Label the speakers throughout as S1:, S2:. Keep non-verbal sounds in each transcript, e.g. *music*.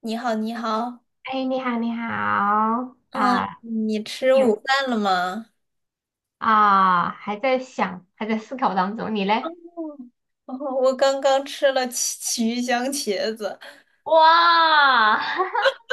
S1: 你好，你好。
S2: 哎，你好，你好
S1: 嗯，
S2: 啊，
S1: 你吃午
S2: 有
S1: 饭了吗？
S2: 啊，还在想，还在思考当中，你
S1: 嗯，
S2: 嘞？
S1: *laughs* 哦，我刚刚吃了奇奇鱼香茄子。
S2: 哇，*laughs*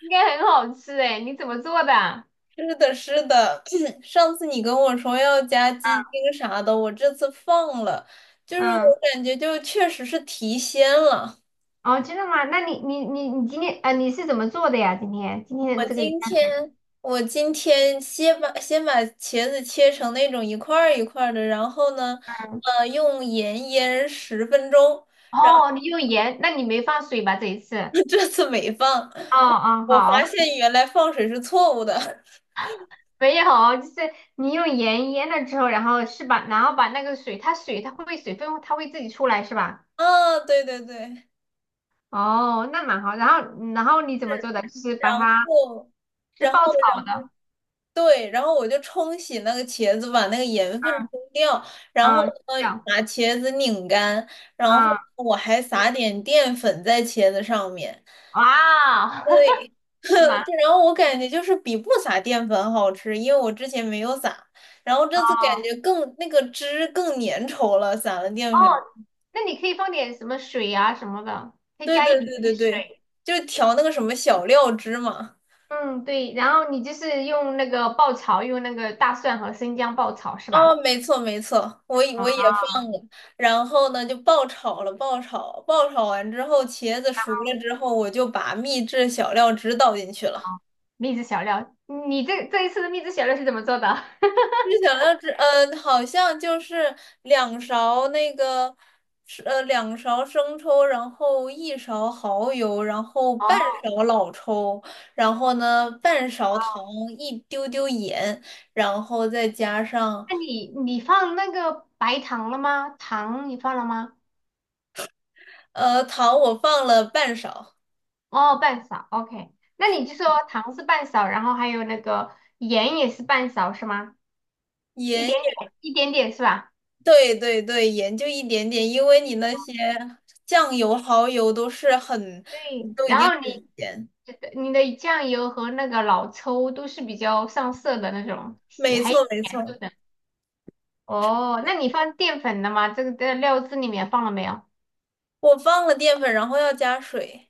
S2: 应该很好吃哎，你怎么做的？
S1: 是的，是的，*clears throat* 上次你跟我说要加鸡精啥的，我这次放了，就是我
S2: 嗯，
S1: 感觉就确实是提鲜了。
S2: 哦，真的吗？那你今天啊，你是怎么做的呀？今天
S1: 我
S2: 的这个鱼
S1: 今
S2: 干水的。
S1: 天我今天先把茄子切成那种一块儿一块儿的，然后呢，用盐腌十分钟。
S2: 哦，你用盐，那你没放水吧？这一次？
S1: *laughs* 这次没放。
S2: 哦哦，
S1: 我
S2: 好，
S1: 发现原来放水是错误的。*laughs*
S2: 没有，就是你用盐腌了之后，然后是吧？然后把那个水，它水它会不会水分它会自己出来是吧？
S1: 啊，对对对，
S2: 哦，那蛮好。然后，然后你怎么
S1: 是。
S2: 做的？就是把
S1: 然
S2: 它
S1: 后，
S2: 是
S1: 然后
S2: 爆炒的，
S1: 对，然后我就冲洗那个茄子，把那个盐分
S2: 嗯
S1: 冲掉，然后
S2: 嗯，
S1: 呢，
S2: 这样
S1: 把茄子拧干，然后
S2: 啊，
S1: 我还撒点淀粉在茄子上面。
S2: 哇，*laughs*
S1: 对，*laughs*
S2: 蛮
S1: 对，然后我感觉就是比不撒淀粉好吃，因为我之前没有撒，然后这次感觉更那个汁更粘稠了，撒了
S2: 哦。
S1: 淀粉。
S2: 那你可以放点什么水啊什么的，可以
S1: 对
S2: 加一
S1: 对
S2: 点
S1: 对对
S2: 点
S1: 对，
S2: 水。
S1: 就调那个什么小料汁嘛。
S2: 嗯，对。然后你就是用那个爆炒，用那个大蒜和生姜爆炒是
S1: 哦，
S2: 吧？
S1: 没错没错，我也
S2: 啊，
S1: 我也放，然后呢就爆炒了，爆炒，爆炒完之后，茄子熟了之后，我就把秘制小料汁倒进去了。
S2: 秘制小料，你这一次的秘制小料是怎么做的？*laughs*
S1: 秘制小料汁，嗯、好像就是两勺那个，是两勺生抽，然后一勺蚝油，然后
S2: 哦，
S1: 半勺老抽，然后呢半勺糖，一丢丢盐，然后再加上。
S2: 那你放那个白糖了吗？糖你放了吗？
S1: 糖我放了半勺，
S2: 哦，半勺，OK。那你就说糖是半勺，然后还有那个盐也是半勺，是吗？一
S1: 盐
S2: 点
S1: 也，
S2: 点，一点点是吧？
S1: 对对对，盐就一点点，因为你那些酱油、蚝油都是很，
S2: 对。
S1: 都已
S2: 然
S1: 经
S2: 后你
S1: 很咸。
S2: 你的酱油和那个老抽都是比较上色的那种，
S1: 没
S2: 还有
S1: 错没
S2: 甜度
S1: 错，
S2: 的。哦，那你放淀粉了吗？这个在料汁里面放了没有？
S1: 我放了淀粉，然后要加水。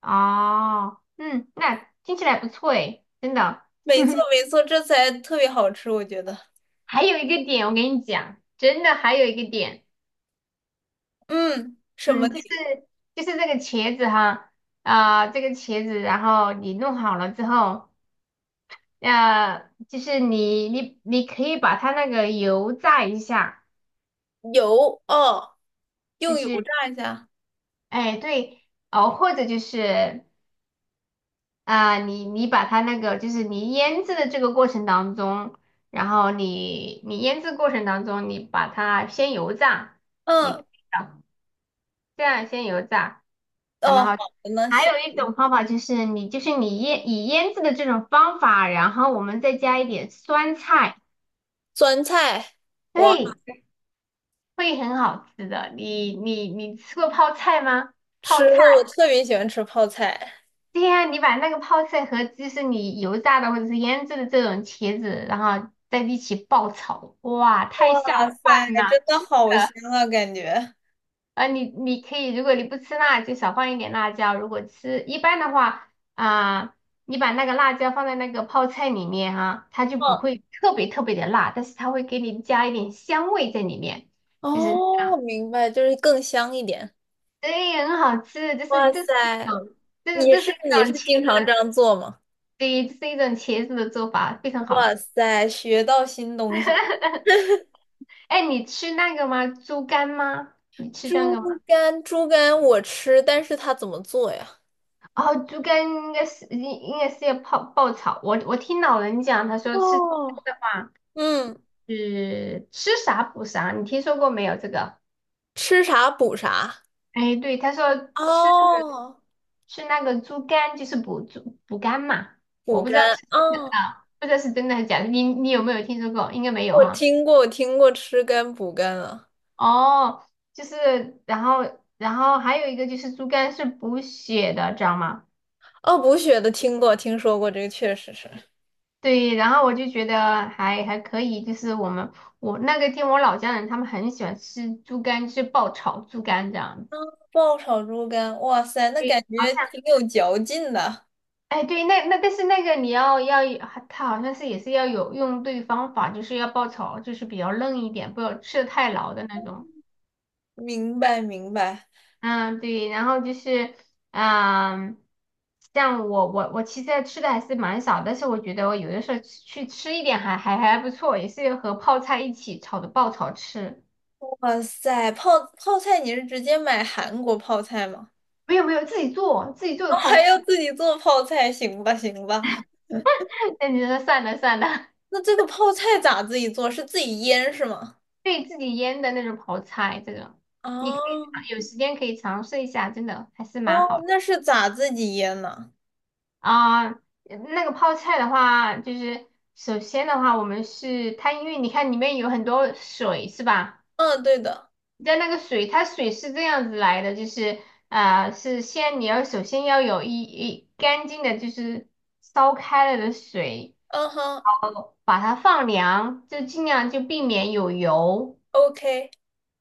S2: 哦，嗯，那听起来不错诶，真的。
S1: 没错
S2: *laughs*
S1: 没错，这才特别好吃，我觉得。
S2: 还有一个点，我跟你讲，真的还有一个点。
S1: 嗯，什么
S2: 嗯，就是
S1: 底
S2: 就是这个茄子哈，啊、这个茄子，然后你弄好了之后，就是你可以把它那个油炸一下，
S1: 油？哦，
S2: 就
S1: 用油
S2: 是
S1: 炸一下。
S2: 哎对哦，或者就是啊、你把它那个就是你腌制的这个过程当中，然后你腌制过程当中，你把它先油炸，也可以
S1: 嗯，
S2: 的这样先油炸。还蛮
S1: 哦，好
S2: 好。
S1: 的呢，
S2: 还
S1: 谢。
S2: 有一种方法就是你就是你腌以腌制的这种方法，然后我们再加一点酸菜，
S1: 酸菜，我
S2: 对，会很好吃的。你吃过泡菜吗？泡
S1: 吃
S2: 菜，
S1: 过，我特别喜欢吃泡菜。
S2: 对呀，你把那个泡菜和就是你油炸的或者是腌制的这种茄子，然后在一起爆炒，哇，太下
S1: 哇塞，
S2: 饭
S1: 真
S2: 了，
S1: 的
S2: 真的。
S1: 好香啊，感觉。
S2: 你可以，如果你不吃辣，就少放一点辣椒。如果吃，一般的话，啊、你把那个辣椒放在那个泡菜里面哈、它就不
S1: 嗯。
S2: 会特别特别的辣，但是它会给你加一点香味在里面，就是
S1: 哦，明白，就是更香一点。
S2: 对，很好吃。就是
S1: 哇
S2: 这是一
S1: 塞，
S2: 种，这是
S1: 你
S2: 这是
S1: 是
S2: 一
S1: 你是
S2: 种茄
S1: 经
S2: 子
S1: 常
S2: 的，
S1: 这样做吗？
S2: 对，这是一种茄子的做法，非常好
S1: 哇
S2: 吃。
S1: 塞，学到新东西了。
S2: *laughs* 哎，你吃那个吗？猪肝吗？你吃那
S1: 猪
S2: 个吗？
S1: 肝，猪肝我吃，但是它怎么做呀？
S2: 哦，猪肝应该是应该是要泡爆炒。我听老人讲，他说吃猪肝
S1: 哦，
S2: 的话
S1: 嗯，
S2: 是吃啥补啥，你听说过没有这个？
S1: 吃啥补啥。
S2: 哎，对，他说吃
S1: 哦，
S2: 吃那个猪肝就是补猪补肝嘛，我
S1: 补
S2: 不知道
S1: 肝。
S2: 是真的
S1: 哦，
S2: 啊，不知道是真的还是假的。你有没有听说过？应该没有
S1: 我
S2: 哈。
S1: 听过，我听过吃肝补肝啊。
S2: 哦，就是然后还有一个就是猪肝是补血的，知道吗？
S1: 哦，补血的听过，听说过，这个确实是。
S2: 对，然后我就觉得还可以，就是我们我那个听我老家人他们很喜欢吃猪肝，就是爆炒猪肝这样子。
S1: 爆炒猪肝，哇塞，那感
S2: 对，好
S1: 觉
S2: 像
S1: 挺有嚼劲的。
S2: 哎对，那但是那个你要它好像是也是要有用对方法，就是要爆炒，就是比较嫩一点，不要吃的太老的那种。
S1: 明白，明白。
S2: 嗯，对，然后就是嗯，像我其实吃的还是蛮少，但是我觉得我有的时候去吃一点还不错，也是和泡菜一起炒的爆炒吃。
S1: 哇塞，泡菜你是直接买韩国泡菜吗？
S2: 没有没有，自己做
S1: 哦，
S2: 的泡
S1: 还
S2: 菜，
S1: 要自己做泡菜，行吧行吧。
S2: *laughs* 那你说算了算了，
S1: 那这个泡菜咋自己做？是自己腌是吗？
S2: 可以自己腌的那种泡菜，这种你可以
S1: 哦
S2: 尝有时间可以尝试一下，真的还是
S1: 哦，
S2: 蛮好的
S1: 那是咋自己腌呢？
S2: 啊。那个泡菜的话，就是首先的话，我们是它，因为你看里面有很多水是吧？
S1: 嗯，对的。
S2: 在那个水，它水是这样子来的，就是啊，是先你要首先要有一干净的，就是烧开了的水，
S1: 嗯哼
S2: 把它放凉，就尽量就避免有油。
S1: ，OK。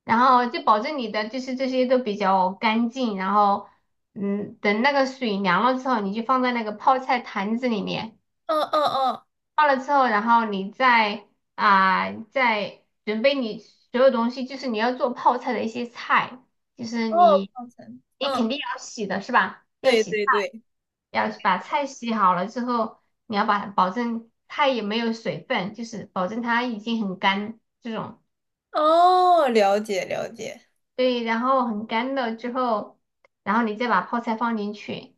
S2: 然后就保证你的就是这些都比较干净，然后等那个水凉了之后，你就放在那个泡菜坛子里面，
S1: 嗯嗯嗯，
S2: 泡了之后，然后你再啊、再准备你所有东西，就是你要做泡菜的一些菜，就是
S1: 哦，
S2: 你
S1: 泡菜。
S2: 你
S1: 嗯，
S2: 肯定要洗的是吧？要
S1: 对
S2: 洗菜，
S1: 对对。
S2: 要把菜洗好了之后，你要把保证菜也没有水分，就是保证它已经很干这种。
S1: 哦，了解了解。
S2: 对，然后很干了之后，然后你再把泡菜放进去，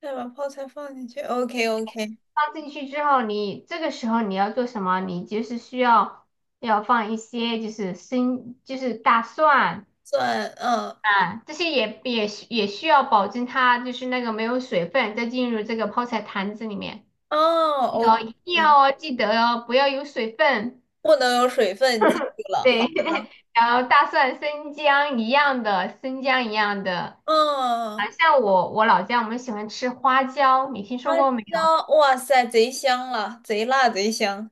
S1: 再把泡菜放进去。OK OK。
S2: 放进去之后你，这个时候你要做什么？你就是需要要放一些就是生就是大蒜
S1: 蒜，嗯，
S2: 啊，这些也需要保证它就是那个没有水分再进入这个泡菜坛子里面，
S1: 哦
S2: 哦，
S1: ，OK。
S2: 一定要哦，记得哦，不要有水分。
S1: 不能有水分进去了，好。
S2: 对，
S1: 的。
S2: *laughs* 然后大蒜、生姜一样的，生姜一样的。
S1: 嗯。嗯
S2: 啊，
S1: 嗯，
S2: 像我老家我们喜欢吃花椒，你听说
S1: 辣
S2: 过没？
S1: 椒，哇塞，贼香了，贼辣贼香，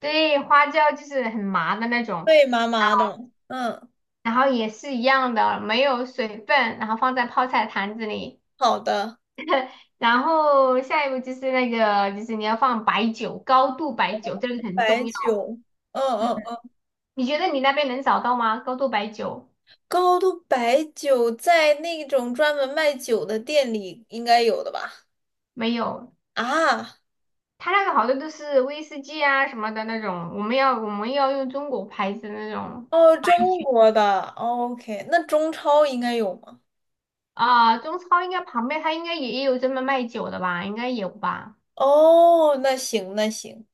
S2: 对，花椒就是很麻的那种，
S1: 脆麻麻的。嗯，
S2: 然后也是一样的，没有水分，然后放在泡菜坛子里，
S1: 好的，
S2: 然后下一步就是那个，就是你要放白酒，高度白酒，这个很
S1: 白
S2: 重要。
S1: 酒，嗯
S2: 嗯，
S1: 嗯嗯，
S2: 你觉得你那边能找到吗？高度白酒
S1: 高度白酒在那种专门卖酒的店里应该有的吧？
S2: 没有，
S1: 啊，
S2: 它那个好多都是威士忌啊什么的那种，我们要用中国牌子的那种
S1: 哦，中国的，OK，那中超应该有吗？
S2: 啊，中超应该旁边它应该也有专门卖酒的吧，应该有吧？
S1: 哦，那行那行，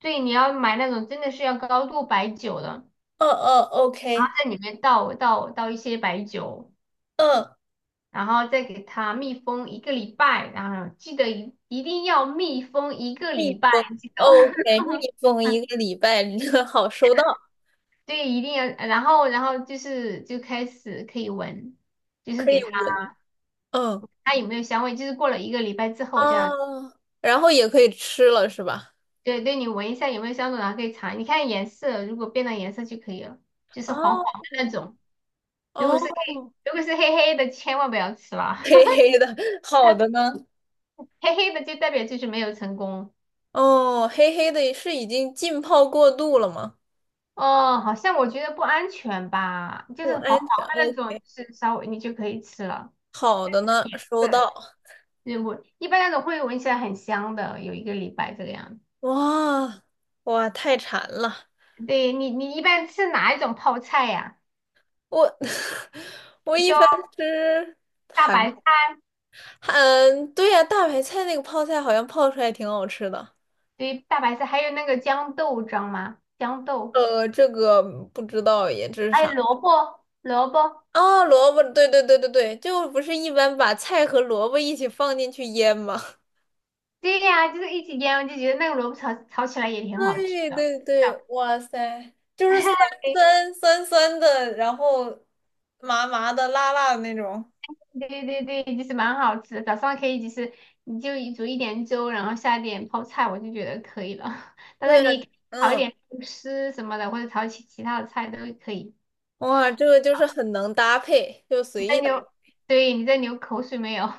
S2: 对，你要买那种真的是要高度白酒的。
S1: 嗯嗯，OK，
S2: 在里面倒一些白酒，
S1: 嗯，
S2: 然后再给它密封一个礼拜，然后记得一定要密封一个
S1: 密
S2: 礼拜，
S1: 封
S2: 记得 *laughs*
S1: ，OK，密封一个礼拜，*laughs* 好收到，
S2: 对，一定要，然后就是就开始可以闻，就是
S1: 可
S2: 给
S1: 以
S2: 它
S1: 闻。嗯。
S2: 它有没有香味，就是过了一个礼拜之后这样，
S1: 哦，然后也可以吃了是吧？
S2: 对对，你闻一下有没有香味，然后可以尝，你看颜色，如果变了颜色就可以了，就是黄黄
S1: 哦
S2: 的那种，如果
S1: 哦，
S2: 是黑，如果是黑黑的千万不要吃了，
S1: 黑
S2: *laughs*
S1: 黑的，好的呢？
S2: 黑黑的就代表就是没有成功。
S1: 哦，黑黑的是已经浸泡过度了吗？
S2: 哦，好像我觉得不安全吧，就
S1: 不
S2: 是
S1: 安
S2: 黄黄
S1: 全。
S2: 的那
S1: 哦，
S2: 种，就是稍微你就可以吃了。
S1: 好的呢，收
S2: 对，
S1: 到。
S2: 就是我一般那种会闻起来很香的，有一个礼拜这个样子。
S1: 哇，哇，太馋了！
S2: 对你，你一般吃哪一种泡菜呀、
S1: 我 *laughs* 我
S2: 你
S1: 一
S2: 说
S1: 般吃
S2: 大白
S1: 韩，
S2: 菜，
S1: 对呀、大白菜那个泡菜好像泡出来挺好吃的。
S2: 对，大白菜，还有那个豇豆，知道吗？豇豆，
S1: 这个不知道耶，这是
S2: 还
S1: 啥？
S2: 有萝卜，萝卜，
S1: 哦，萝卜，对对对对对，就不是一般把菜和萝卜一起放进去腌吗？
S2: 对呀、就是一起腌，我就觉得那个萝卜炒炒起来也
S1: *laughs*
S2: 挺好吃
S1: 对
S2: 的。
S1: 对
S2: 这样
S1: 对，哇塞，就是酸
S2: *laughs* 对
S1: 酸酸酸的，然后麻麻的、辣辣的那种。
S2: 对对对，其实蛮好吃的早上可以就是你就一煮一点粥，然后下点泡菜，我就觉得可以了。*laughs* 当
S1: 对，
S2: 然你炒一
S1: 嗯，
S2: 点肉丝什么的，或者炒其他的菜都可以。
S1: 哇，这个就是很能搭配，就
S2: 你
S1: 随
S2: 在
S1: 意搭
S2: 流，
S1: 配，
S2: 对，你在流口水没有？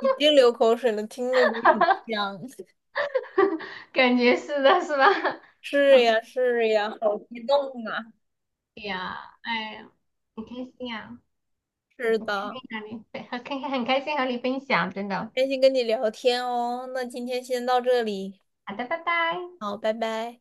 S1: 已经流口水了，听着就很香。*laughs*
S2: *laughs* 感觉是的，是吧？*laughs*
S1: 是呀，是呀，好激动啊！
S2: 对呀，哎呀，很开心啊，哎
S1: 是
S2: 很开
S1: 的，
S2: 心和你，对，很开心很开心和你分享，真的。
S1: 开心跟你聊天哦，那今天先到这里，
S2: 好的，拜拜。
S1: 好，拜拜。